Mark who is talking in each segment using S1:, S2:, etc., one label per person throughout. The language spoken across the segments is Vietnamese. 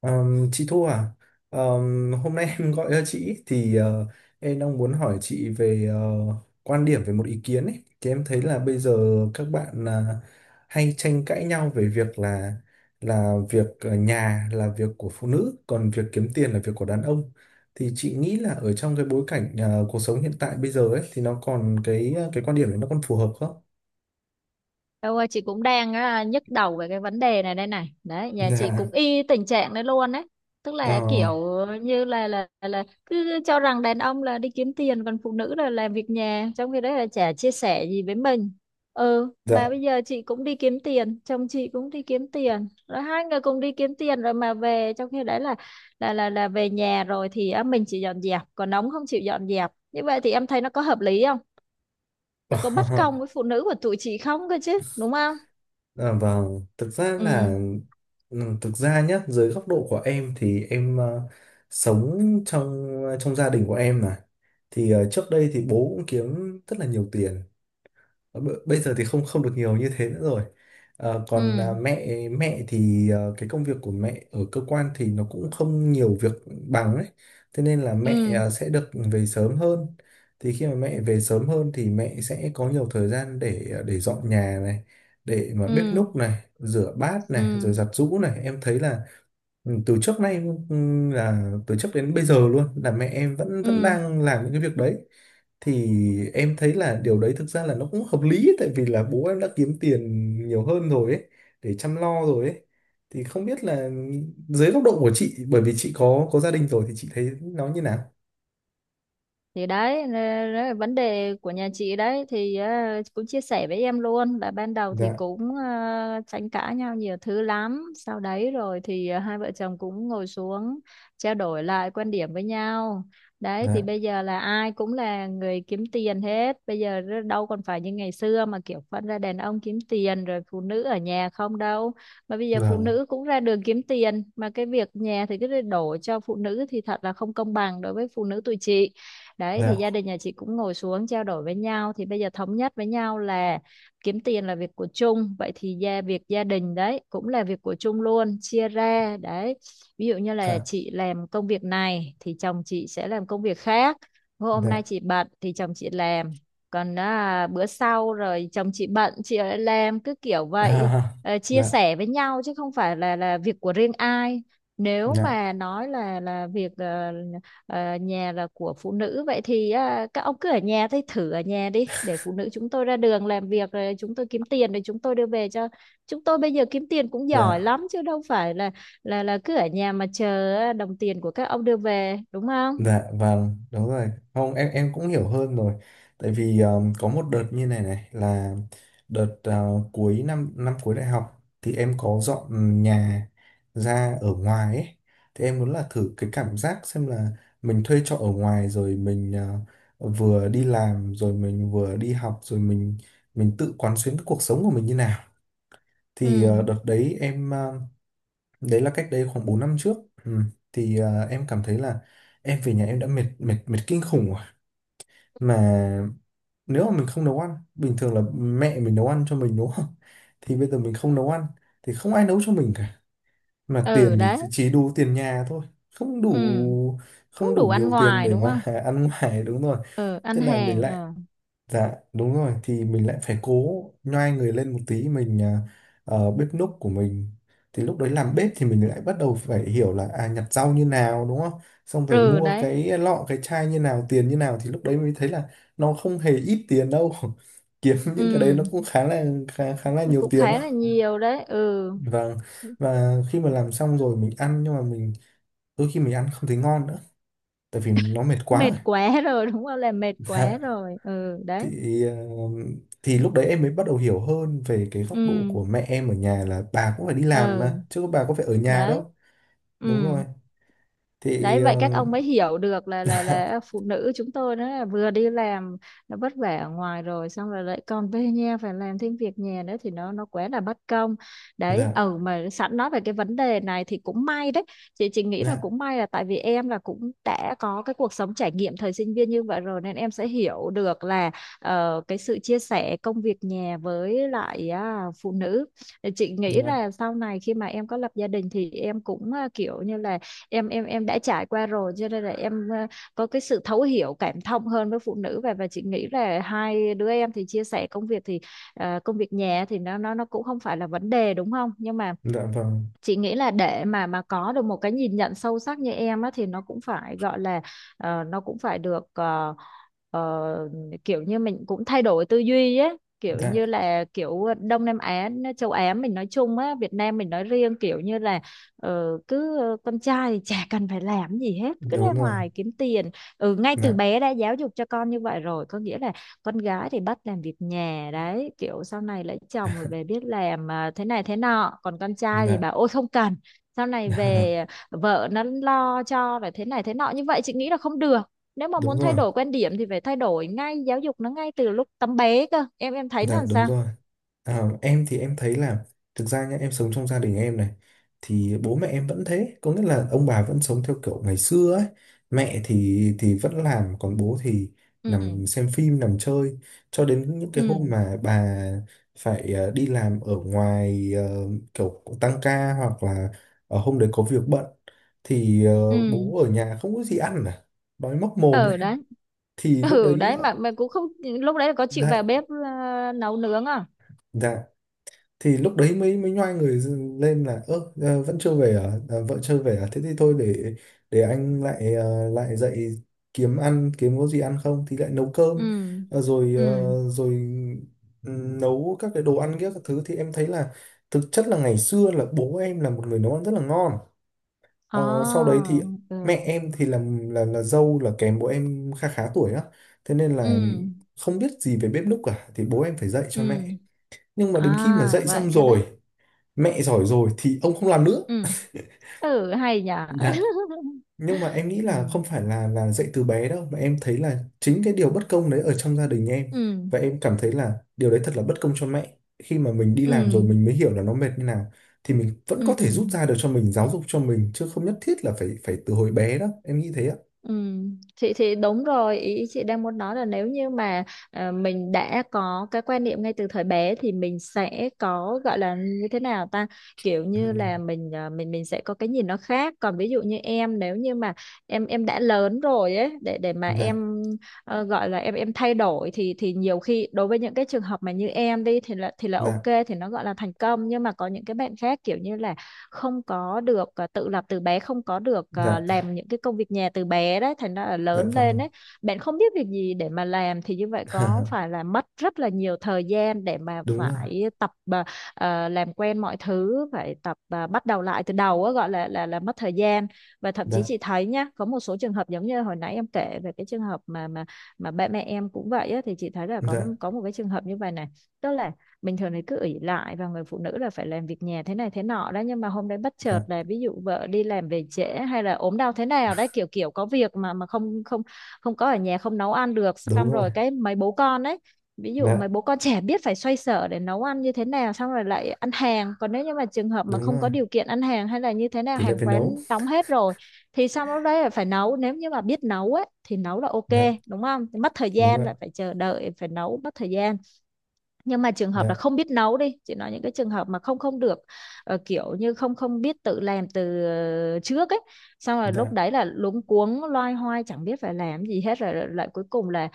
S1: Chị Thu à, hôm nay em gọi cho chị thì em đang muốn hỏi chị về quan điểm về một ý kiến ấy. Thì em thấy là bây giờ các bạn là hay tranh cãi nhau về việc là việc ở nhà là việc của phụ nữ, còn việc kiếm tiền là việc của đàn ông. Thì chị nghĩ là ở trong cái bối cảnh cuộc sống hiện tại bây giờ ấy thì nó còn cái quan điểm đấy nó còn phù hợp không?
S2: Đâu ơi, chị cũng đang nhức đầu về cái vấn đề này đây này. Đấy, nhà chị cũng y tình trạng đấy luôn đấy. Tức
S1: Dạ,
S2: là
S1: ờ,
S2: kiểu như là cứ cho rằng đàn ông là đi kiếm tiền còn phụ nữ là làm việc nhà, trong khi đấy là chả chia sẻ gì với mình. Ừ, mà
S1: dạ.
S2: bây giờ chị cũng đi kiếm tiền, chồng chị cũng đi kiếm tiền. Rồi hai người cùng đi kiếm tiền rồi mà về, trong khi đấy là là về nhà rồi thì mình chỉ dọn dẹp, còn ông không chịu dọn dẹp. Như vậy thì em thấy nó có hợp lý không? Nó có bất công với phụ nữ của tụi chị không cơ chứ, đúng không?
S1: À, vâng,
S2: Ừ.
S1: thực ra nhá, dưới góc độ của em thì em sống trong gia đình của em mà. Thì trước đây thì bố cũng kiếm rất là nhiều tiền. Bây giờ thì không không được nhiều như thế nữa rồi. Còn
S2: Ừ.
S1: mẹ mẹ thì cái công việc của mẹ ở cơ quan thì nó cũng không nhiều việc bằng ấy, thế nên là mẹ
S2: Ừ.
S1: à, sẽ được về sớm hơn. Thì khi mà mẹ về sớm hơn thì mẹ sẽ có nhiều thời gian để dọn nhà này, để mà bếp
S2: Ừ.
S1: núc này, rửa bát này, rồi
S2: Ừ.
S1: giặt giũ này em thấy là Ừ, từ trước nay ừ, từ trước đến bây giờ luôn là mẹ em vẫn vẫn
S2: Ừ.
S1: đang làm những cái việc đấy. Thì em thấy là điều đấy thực ra là nó cũng hợp lý ấy, tại vì là bố em đã kiếm tiền nhiều hơn rồi ấy, để chăm lo rồi ấy, thì không biết là dưới góc độ của chị, bởi vì chị có gia đình rồi thì chị thấy nó như nào.
S2: Thì đấy, nè, đấy là vấn đề của nhà chị đấy. Thì cũng chia sẻ với em luôn là ban đầu thì
S1: Dạ,
S2: cũng tranh cãi nhau nhiều thứ lắm, sau đấy rồi thì hai vợ chồng cũng ngồi xuống trao đổi lại quan điểm với nhau. Đấy, thì
S1: dạ
S2: bây giờ là ai cũng là người kiếm tiền hết bây giờ, đâu còn phải như ngày xưa mà kiểu phân ra đàn ông kiếm tiền rồi phụ nữ ở nhà không đâu, mà bây giờ phụ
S1: vâng.
S2: nữ cũng ra đường kiếm tiền mà cái việc nhà thì cứ đổ cho phụ nữ thì thật là không công bằng đối với phụ nữ tụi chị. Đấy, thì
S1: Dạ,
S2: gia đình nhà chị cũng ngồi xuống trao đổi với nhau thì bây giờ thống nhất với nhau là kiếm tiền là việc của chung, vậy thì việc gia đình đấy cũng là việc của chung luôn, chia ra đấy. Ví dụ như là
S1: dạ,
S2: chị làm công việc này thì chồng chị sẽ làm công việc khác, hôm nay
S1: dạ,
S2: chị bận thì chồng chị làm, còn bữa sau rồi chồng chị bận chị lại làm, cứ kiểu vậy.
S1: à.
S2: Ờ, chia
S1: Dạ,
S2: sẻ với nhau chứ không phải là việc của riêng ai. Nếu
S1: dạ,
S2: mà nói là việc nhà là của phụ nữ, vậy thì các ông cứ ở nhà thì thử ở nhà đi để phụ nữ chúng tôi ra đường làm việc rồi chúng tôi kiếm tiền rồi chúng tôi đưa về cho. Chúng tôi bây giờ kiếm tiền cũng giỏi
S1: dạ.
S2: lắm chứ đâu phải là là cứ ở nhà mà chờ đồng tiền của các ông đưa về đúng không.
S1: Dạ vâng, đúng rồi. Không, em cũng hiểu hơn rồi. Tại vì có một đợt như này này là đợt cuối năm, năm cuối đại học thì em có dọn nhà ra ở ngoài ấy. Thì em muốn là thử cái cảm giác xem là mình thuê trọ ở ngoài rồi mình vừa đi làm rồi mình vừa đi học rồi mình tự quán xuyến cái cuộc sống của mình như nào.
S2: Ừ.
S1: Thì đợt đấy em, đấy là cách đây khoảng 4 năm trước. Ừ. thì em cảm thấy là em về nhà em đã mệt mệt mệt kinh khủng rồi, mà nếu mà mình không nấu ăn, bình thường là mẹ mình nấu ăn cho mình đúng không, thì bây giờ mình không nấu ăn thì không ai nấu cho mình cả, mà
S2: Ừ
S1: tiền
S2: đấy.
S1: thì chỉ đủ tiền nhà thôi, không
S2: Ừ,
S1: đủ
S2: cũng
S1: không đủ
S2: đủ ăn
S1: nhiều tiền
S2: ngoài
S1: để
S2: đúng không.
S1: mà ăn ngoài, đúng rồi.
S2: Ừ, ăn
S1: Thế là mình
S2: hàng.
S1: lại,
S2: Ừ.
S1: dạ đúng rồi, thì mình lại phải cố nhoai người lên một tí, mình bếp núc của mình, thì lúc đấy làm bếp thì mình lại bắt đầu phải hiểu là à, nhặt rau như nào đúng không, xong rồi
S2: Ừ
S1: mua
S2: đấy.
S1: cái lọ cái chai như nào, tiền như nào, thì lúc đấy mới thấy là nó không hề ít tiền đâu, kiếm
S2: Ừ,
S1: những cái đấy nó cũng khá là nhiều
S2: cũng
S1: tiền
S2: khá
S1: đó.
S2: là nhiều đấy. Ừ,
S1: Vâng. Và khi mà làm xong rồi mình ăn, nhưng mà mình đôi khi mình ăn không thấy ngon nữa, tại vì nó mệt
S2: mệt
S1: quá
S2: quá rồi đúng không, là mệt
S1: rồi.
S2: quá rồi. Ừ đấy.
S1: thì ờ, thì lúc đấy em mới bắt đầu hiểu hơn về cái
S2: Ừ.
S1: góc độ của mẹ em ở nhà, là bà cũng phải đi làm
S2: Ừ
S1: mà, chứ bà có phải ở nhà
S2: đấy.
S1: đâu. Đúng
S2: Ừ.
S1: rồi. thì
S2: Đấy, vậy
S1: ờ,
S2: các ông mới hiểu được là là phụ nữ chúng tôi nó là vừa đi làm, nó vất vả ở ngoài rồi xong rồi lại còn về nhà phải làm thêm việc nhà nữa thì nó quá là bất công. Đấy,
S1: dạ,
S2: ừ, mà sẵn nói về cái vấn đề này thì cũng may đấy. Chị nghĩ là
S1: dạ,
S2: cũng may là tại vì em là cũng đã có cái cuộc sống trải nghiệm thời sinh viên như vậy rồi nên em sẽ hiểu được là cái sự chia sẻ công việc nhà với lại phụ nữ. Thì chị nghĩ
S1: dạ.
S2: là sau này khi mà em có lập gia đình thì em cũng kiểu như là em đã trải qua rồi cho nên là em có cái sự thấu hiểu cảm thông hơn với phụ nữ. Và chị nghĩ là hai đứa em thì chia sẻ công việc thì công việc nhà thì nó cũng không phải là vấn đề đúng không. Nhưng mà
S1: Dạ vâng.
S2: chị nghĩ là để mà có được một cái nhìn nhận sâu sắc như em á thì nó cũng phải gọi là nó cũng phải được ờ, kiểu như mình cũng thay đổi tư duy á, kiểu
S1: Dạ,
S2: như là kiểu Đông Nam Á, châu Á mình nói chung á, Việt Nam mình nói riêng, kiểu như là cứ con trai thì chả cần phải làm gì hết, cứ ra
S1: đúng rồi.
S2: ngoài kiếm tiền. Ừ, ngay từ
S1: Dạ,
S2: bé đã giáo dục cho con như vậy rồi, có nghĩa là con gái thì bắt làm việc nhà đấy, kiểu sau này lấy chồng rồi về biết làm thế này thế nọ, còn con trai thì
S1: dạ.
S2: bảo ôi không cần, sau này về
S1: Dạ,
S2: vợ nó lo cho rồi, thế này thế nọ. Như vậy chị nghĩ là không được. Nếu mà
S1: đúng
S2: muốn thay
S1: rồi.
S2: đổi quan điểm thì phải thay đổi ngay, giáo dục nó ngay từ lúc tấm bé cơ. Em thấy nó
S1: Dạ,
S2: làm
S1: đúng
S2: sao.
S1: rồi. À, em thì em thấy là thực ra nhá, em sống trong gia đình em này thì bố mẹ em vẫn thế, có nghĩa là ông bà vẫn sống theo kiểu ngày xưa ấy. Mẹ thì vẫn làm, còn bố thì
S2: Ừ.
S1: nằm xem phim, nằm chơi cho đến những cái hôm
S2: Ừ.
S1: mà bà phải đi làm ở ngoài, kiểu tăng ca hoặc là hôm đấy có việc bận, thì
S2: Ừ.
S1: bố ở nhà không có gì ăn à, đói móc mồm đấy,
S2: Ừ đấy.
S1: thì lúc
S2: Ừ
S1: đấy
S2: đấy, mà cũng không, lúc đấy là có chịu vào
S1: dạ,
S2: bếp nấu nướng à?
S1: dạ, thì lúc đấy mới mới nhoai người lên là: ơ, vẫn chưa về à? À, vợ chưa về à, thế thì thôi, để anh lại, lại dậy kiếm ăn, kiếm có gì ăn không, thì lại nấu cơm.
S2: Ừ.
S1: Rồi,
S2: Ừ.
S1: rồi nấu các cái đồ ăn kia, các thứ thì em thấy là thực chất là ngày xưa là bố em là một người nấu ăn rất là ngon. Ờ, Sau
S2: À.
S1: đấy thì mẹ
S2: Ừ.
S1: em thì là dâu, là kém bố em khá khá tuổi á, thế nên
S2: Ừ.
S1: là không biết gì về bếp núc cả, thì bố em phải dạy cho mẹ.
S2: Ừ.
S1: Nhưng mà đến khi mà
S2: À
S1: dạy
S2: vậy
S1: xong
S2: cơ đấy.
S1: rồi, mẹ giỏi rồi thì ông không làm nữa.
S2: Ừ. Ừ, hay nhỉ.
S1: Đấy. Nhưng mà em nghĩ
S2: Ừ.
S1: là không phải là dạy từ bé đâu, mà em thấy là chính cái điều bất công đấy ở trong gia đình em,
S2: Ừ.
S1: và em cảm thấy là điều đấy thật là bất công cho mẹ. Khi mà mình đi làm
S2: Ừ.
S1: rồi mình mới hiểu là nó mệt như nào, thì mình vẫn có
S2: Ừ. Ừ.
S1: thể rút ra được cho mình, giáo dục cho mình, chứ không nhất thiết là phải phải từ hồi bé đâu, em nghĩ thế ạ.
S2: Ừ, chị thì đúng rồi, ý chị đang muốn nói là nếu như mà mình đã có cái quan niệm ngay từ thời bé thì mình sẽ có gọi là như thế nào ta, kiểu như
S1: Ừ.
S2: là mình à, mình mình sẽ có cái nhìn nó khác. Còn ví dụ như em, nếu như mà em đã lớn rồi ấy, để mà
S1: Dạ,
S2: em gọi là em thay đổi thì nhiều khi đối với những cái trường hợp mà như em đi thì là là ok
S1: dạ,
S2: thì nó gọi là thành công, nhưng mà có những cái bạn khác kiểu như là không có được tự lập từ bé, không có được
S1: dạ.
S2: làm những cái công việc nhà từ bé đấy, thành ra là
S1: Dạ
S2: lớn lên
S1: vâng.
S2: đấy bạn không biết việc gì để mà làm thì như vậy có phải là mất rất là nhiều thời gian để mà
S1: Đúng rồi.
S2: phải tập làm quen mọi thứ, phải tập bắt đầu lại từ đầu á, gọi là là mất thời gian. Và thậm chí
S1: Dạ,
S2: chị thấy nhá, có một số trường hợp giống như hồi nãy em kể về cái trường hợp mà ba mẹ em cũng vậy á, thì chị thấy là có
S1: dạ,
S2: có một cái trường hợp như vậy này. Tức là bình thường thì cứ ỷ lại và người phụ nữ là phải làm việc nhà thế này thế nọ đó, nhưng mà hôm đấy bất chợt
S1: dạ,
S2: là ví dụ vợ đi làm về trễ hay là ốm đau thế nào đấy, kiểu kiểu có việc mà không không không có ở nhà, không nấu ăn được,
S1: đúng
S2: xong
S1: rồi.
S2: rồi cái mấy bố con đấy, ví dụ mấy
S1: Dạ,
S2: bố con trẻ biết phải xoay sở để nấu ăn như thế nào, xong rồi lại ăn hàng, còn nếu như mà trường hợp mà
S1: đúng
S2: không
S1: rồi,
S2: có điều kiện ăn hàng hay là như thế nào,
S1: thì lại
S2: hàng
S1: phải
S2: quán
S1: nấu.
S2: đóng hết rồi thì xong lúc đấy là phải nấu. Nếu như mà biết nấu ấy thì nấu là ok
S1: Dạ,
S2: đúng không. Thì mất thời
S1: đúng
S2: gian,
S1: rồi.
S2: lại phải chờ đợi, phải nấu mất thời gian. Nhưng mà trường hợp
S1: Dạ,
S2: là không biết nấu đi, chị nói những cái trường hợp mà không không được, kiểu như không không biết tự làm từ trước ấy, xong rồi lúc
S1: dạ,
S2: đấy là luống cuống loay hoay chẳng biết phải làm gì hết, rồi lại cuối cùng là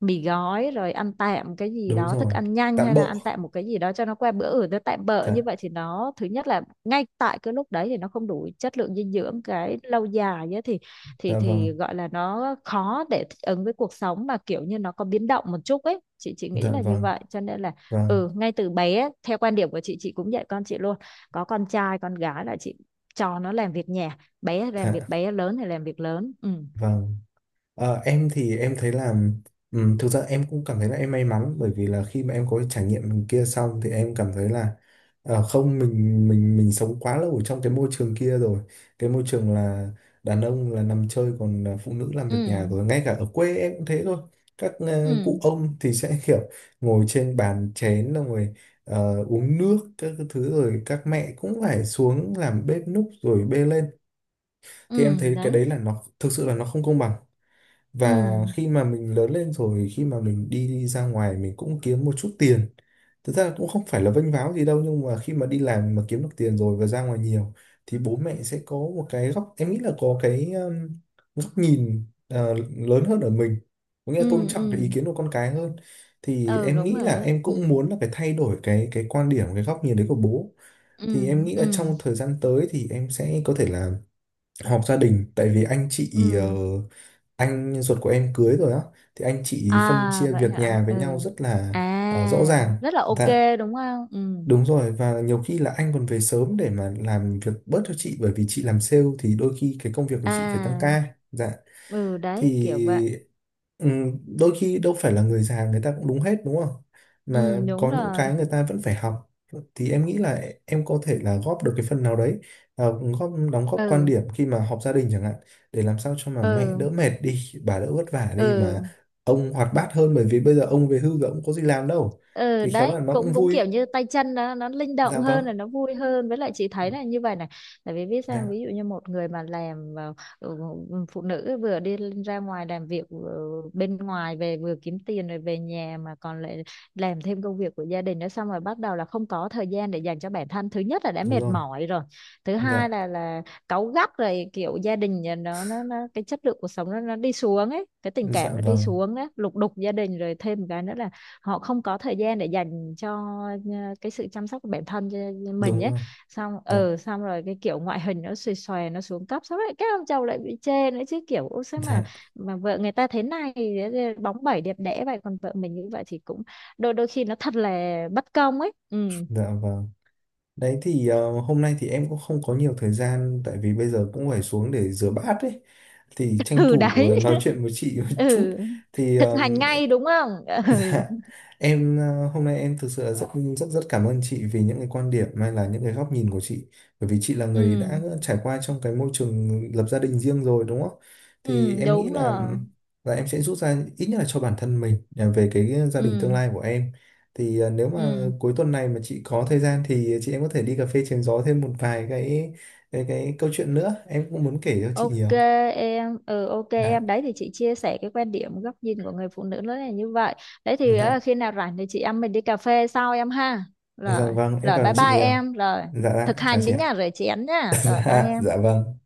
S2: mì gói, rồi ăn tạm cái gì
S1: đúng
S2: đó, thức
S1: rồi,
S2: ăn nhanh
S1: tạm
S2: hay
S1: bợ.
S2: là ăn tạm một cái gì đó cho nó qua bữa ở, nó tạm bợ
S1: Dạ,
S2: như vậy thì nó thứ nhất là ngay tại cái lúc đấy thì nó không đủ chất lượng dinh dưỡng, cái lâu dài ấy, thì thì
S1: dạ vâng.
S2: thì gọi là nó khó để thích ứng với cuộc sống mà kiểu như nó có biến động một chút ấy. Chị nghĩ
S1: Dạ
S2: là như
S1: vâng.
S2: vậy cho nên là
S1: Vâng.
S2: ừ, ngay từ bé theo quan điểm của chị cũng dạy con chị luôn, có con trai con gái là chị cho nó làm việc nhà, bé làm việc
S1: Dạ
S2: bé, lớn thì làm việc lớn. Ừ.
S1: vâng. Em thì em thấy là thực ra em cũng cảm thấy là em may mắn, bởi vì là khi mà em có cái trải nghiệm kia xong thì em cảm thấy là không, mình sống quá lâu ở trong cái môi trường kia rồi. Cái môi trường là đàn ông là nằm chơi, còn phụ nữ làm
S2: Ừ.
S1: việc nhà, rồi ngay cả ở quê em cũng thế thôi, các
S2: Ừ.
S1: cụ ông thì sẽ kiểu ngồi trên bàn chén, xong rồi uống nước các cái thứ, rồi các mẹ cũng phải xuống làm bếp núc rồi bê lên. Thì em
S2: Ừ
S1: thấy cái
S2: đấy.
S1: đấy là nó thực sự là nó không công bằng.
S2: Ừ.
S1: Và khi mà mình lớn lên rồi, khi mà mình đi ra ngoài mình cũng kiếm một chút tiền, thực ra cũng không phải là vênh váo gì đâu, nhưng mà khi mà đi làm mà kiếm được tiền rồi và ra ngoài nhiều, thì bố mẹ sẽ có một cái góc, em nghĩ là có cái góc nhìn lớn hơn ở mình, có nghĩa là tôn
S2: Ừ.
S1: trọng cái ý
S2: Ừ.
S1: kiến của con cái hơn. Thì
S2: Ừ
S1: em
S2: đúng
S1: nghĩ
S2: rồi
S1: là
S2: đấy.
S1: em
S2: Ừ.
S1: cũng muốn là phải thay đổi cái quan điểm, cái góc nhìn đấy của bố. Thì
S2: Ừ.
S1: em nghĩ là
S2: Ừ.
S1: trong thời gian tới thì em sẽ có thể là họp gia đình, tại vì
S2: Ừ.
S1: anh ruột của em cưới rồi á, thì anh chị phân
S2: À
S1: chia
S2: vậy
S1: việc
S2: hả.
S1: nhà với
S2: Ừ.
S1: nhau rất là rõ
S2: À
S1: ràng.
S2: rất là ok
S1: Dạ.
S2: đúng không. Ừ.
S1: Đúng rồi, và nhiều khi là anh còn về sớm để mà làm việc bớt cho chị, bởi vì chị làm sale thì đôi khi cái công việc của chị phải tăng
S2: À.
S1: ca. Dạ.
S2: Ừ đấy, kiểu vậy.
S1: Thì đôi khi đâu phải là người già người ta cũng đúng hết đúng không, mà
S2: Ừ đúng
S1: có những
S2: rồi.
S1: cái người ta vẫn phải học, thì em nghĩ là em có thể là góp được cái phần nào đấy, à, góp đóng góp quan
S2: Ừ.
S1: điểm khi mà họp gia đình chẳng hạn, để làm sao cho mà mẹ
S2: Ừ.
S1: đỡ mệt đi, bà đỡ vất vả đi, mà
S2: Ừ.
S1: ông hoạt bát hơn, bởi vì bây giờ ông về hưu rồi ông có gì làm đâu,
S2: Ừ
S1: thì khéo
S2: đấy,
S1: là nó cũng
S2: cũng cũng
S1: vui.
S2: kiểu như tay chân nó linh động
S1: Dạ
S2: hơn
S1: vâng.
S2: là nó vui hơn, với lại chị thấy là như vậy này. Tại vì biết sao,
S1: Dạ,
S2: ví dụ như một người mà làm ừ, phụ nữ vừa đi ra ngoài làm việc bên ngoài về, vừa kiếm tiền rồi về nhà mà còn lại làm thêm công việc của gia đình nữa, xong rồi bắt đầu là không có thời gian để dành cho bản thân, thứ nhất là đã
S1: đúng
S2: mệt
S1: rồi.
S2: mỏi rồi, thứ hai
S1: Dạ,
S2: là cáu gắt rồi, kiểu gia đình nhà nó cái chất lượng cuộc sống nó đi xuống ấy, cái tình
S1: dạ
S2: cảm nó đi
S1: vâng,
S2: xuống á, lục đục gia đình. Rồi thêm một cái nữa là họ không có thời gian để dành cho cái sự chăm sóc của bản thân cho mình
S1: đúng
S2: ấy,
S1: rồi.
S2: xong
S1: Dạ,
S2: xong rồi cái kiểu ngoại hình nó xòe xòe nó xuống cấp, xong rồi các ông chồng lại bị chê nữa chứ, kiểu ô sao mà
S1: dạ,
S2: mà vợ người ta thế này bóng bẩy đẹp đẽ vậy, còn vợ mình như vậy, thì cũng đôi đôi khi nó thật là bất công ấy. Ừ.
S1: dạ vâng. Đấy, thì hôm nay thì em cũng không có nhiều thời gian, tại vì bây giờ cũng phải xuống để rửa bát ấy, thì tranh
S2: Ừ
S1: thủ
S2: đấy.
S1: nói chuyện với chị một chút,
S2: Ừ,
S1: thì
S2: thực
S1: ờ,
S2: hành ngay đúng không. Ừ.
S1: dạ. Em hôm nay em thực sự là rất, rất rất cảm ơn chị vì những cái quan điểm hay là những cái góc nhìn của chị, bởi vì chị là
S2: Ừ.
S1: người đã trải qua trong cái môi trường lập gia đình riêng rồi đúng không? Thì
S2: Ừ
S1: em nghĩ
S2: đúng
S1: là
S2: rồi.
S1: là em sẽ rút ra ít nhất là cho bản thân mình về cái gia đình tương
S2: Ừ.
S1: lai của em. Thì nếu mà
S2: Ừ.
S1: cuối tuần này mà chị có thời gian thì chị em có thể đi cà phê chém gió thêm một vài cái câu chuyện nữa, em cũng muốn kể cho chị
S2: Ok
S1: nhiều.
S2: em.
S1: Dạ.
S2: Đấy thì chị chia sẻ cái quan điểm góc nhìn của người phụ nữ nó là như vậy. Đấy thì
S1: Dạ.
S2: khi nào rảnh thì chị em mình đi cà phê sau em ha.
S1: Dạ
S2: Rồi,
S1: vâng, em
S2: rồi
S1: cảm ơn
S2: bye
S1: chị
S2: bye
S1: nhiều.
S2: em, rồi
S1: Dạ,
S2: thực
S1: dạ, chào
S2: hành
S1: chị
S2: đấy
S1: ạ.
S2: nha, rồi chị Ánh nha, rồi bye
S1: Dạ, dạ
S2: em.
S1: vâng.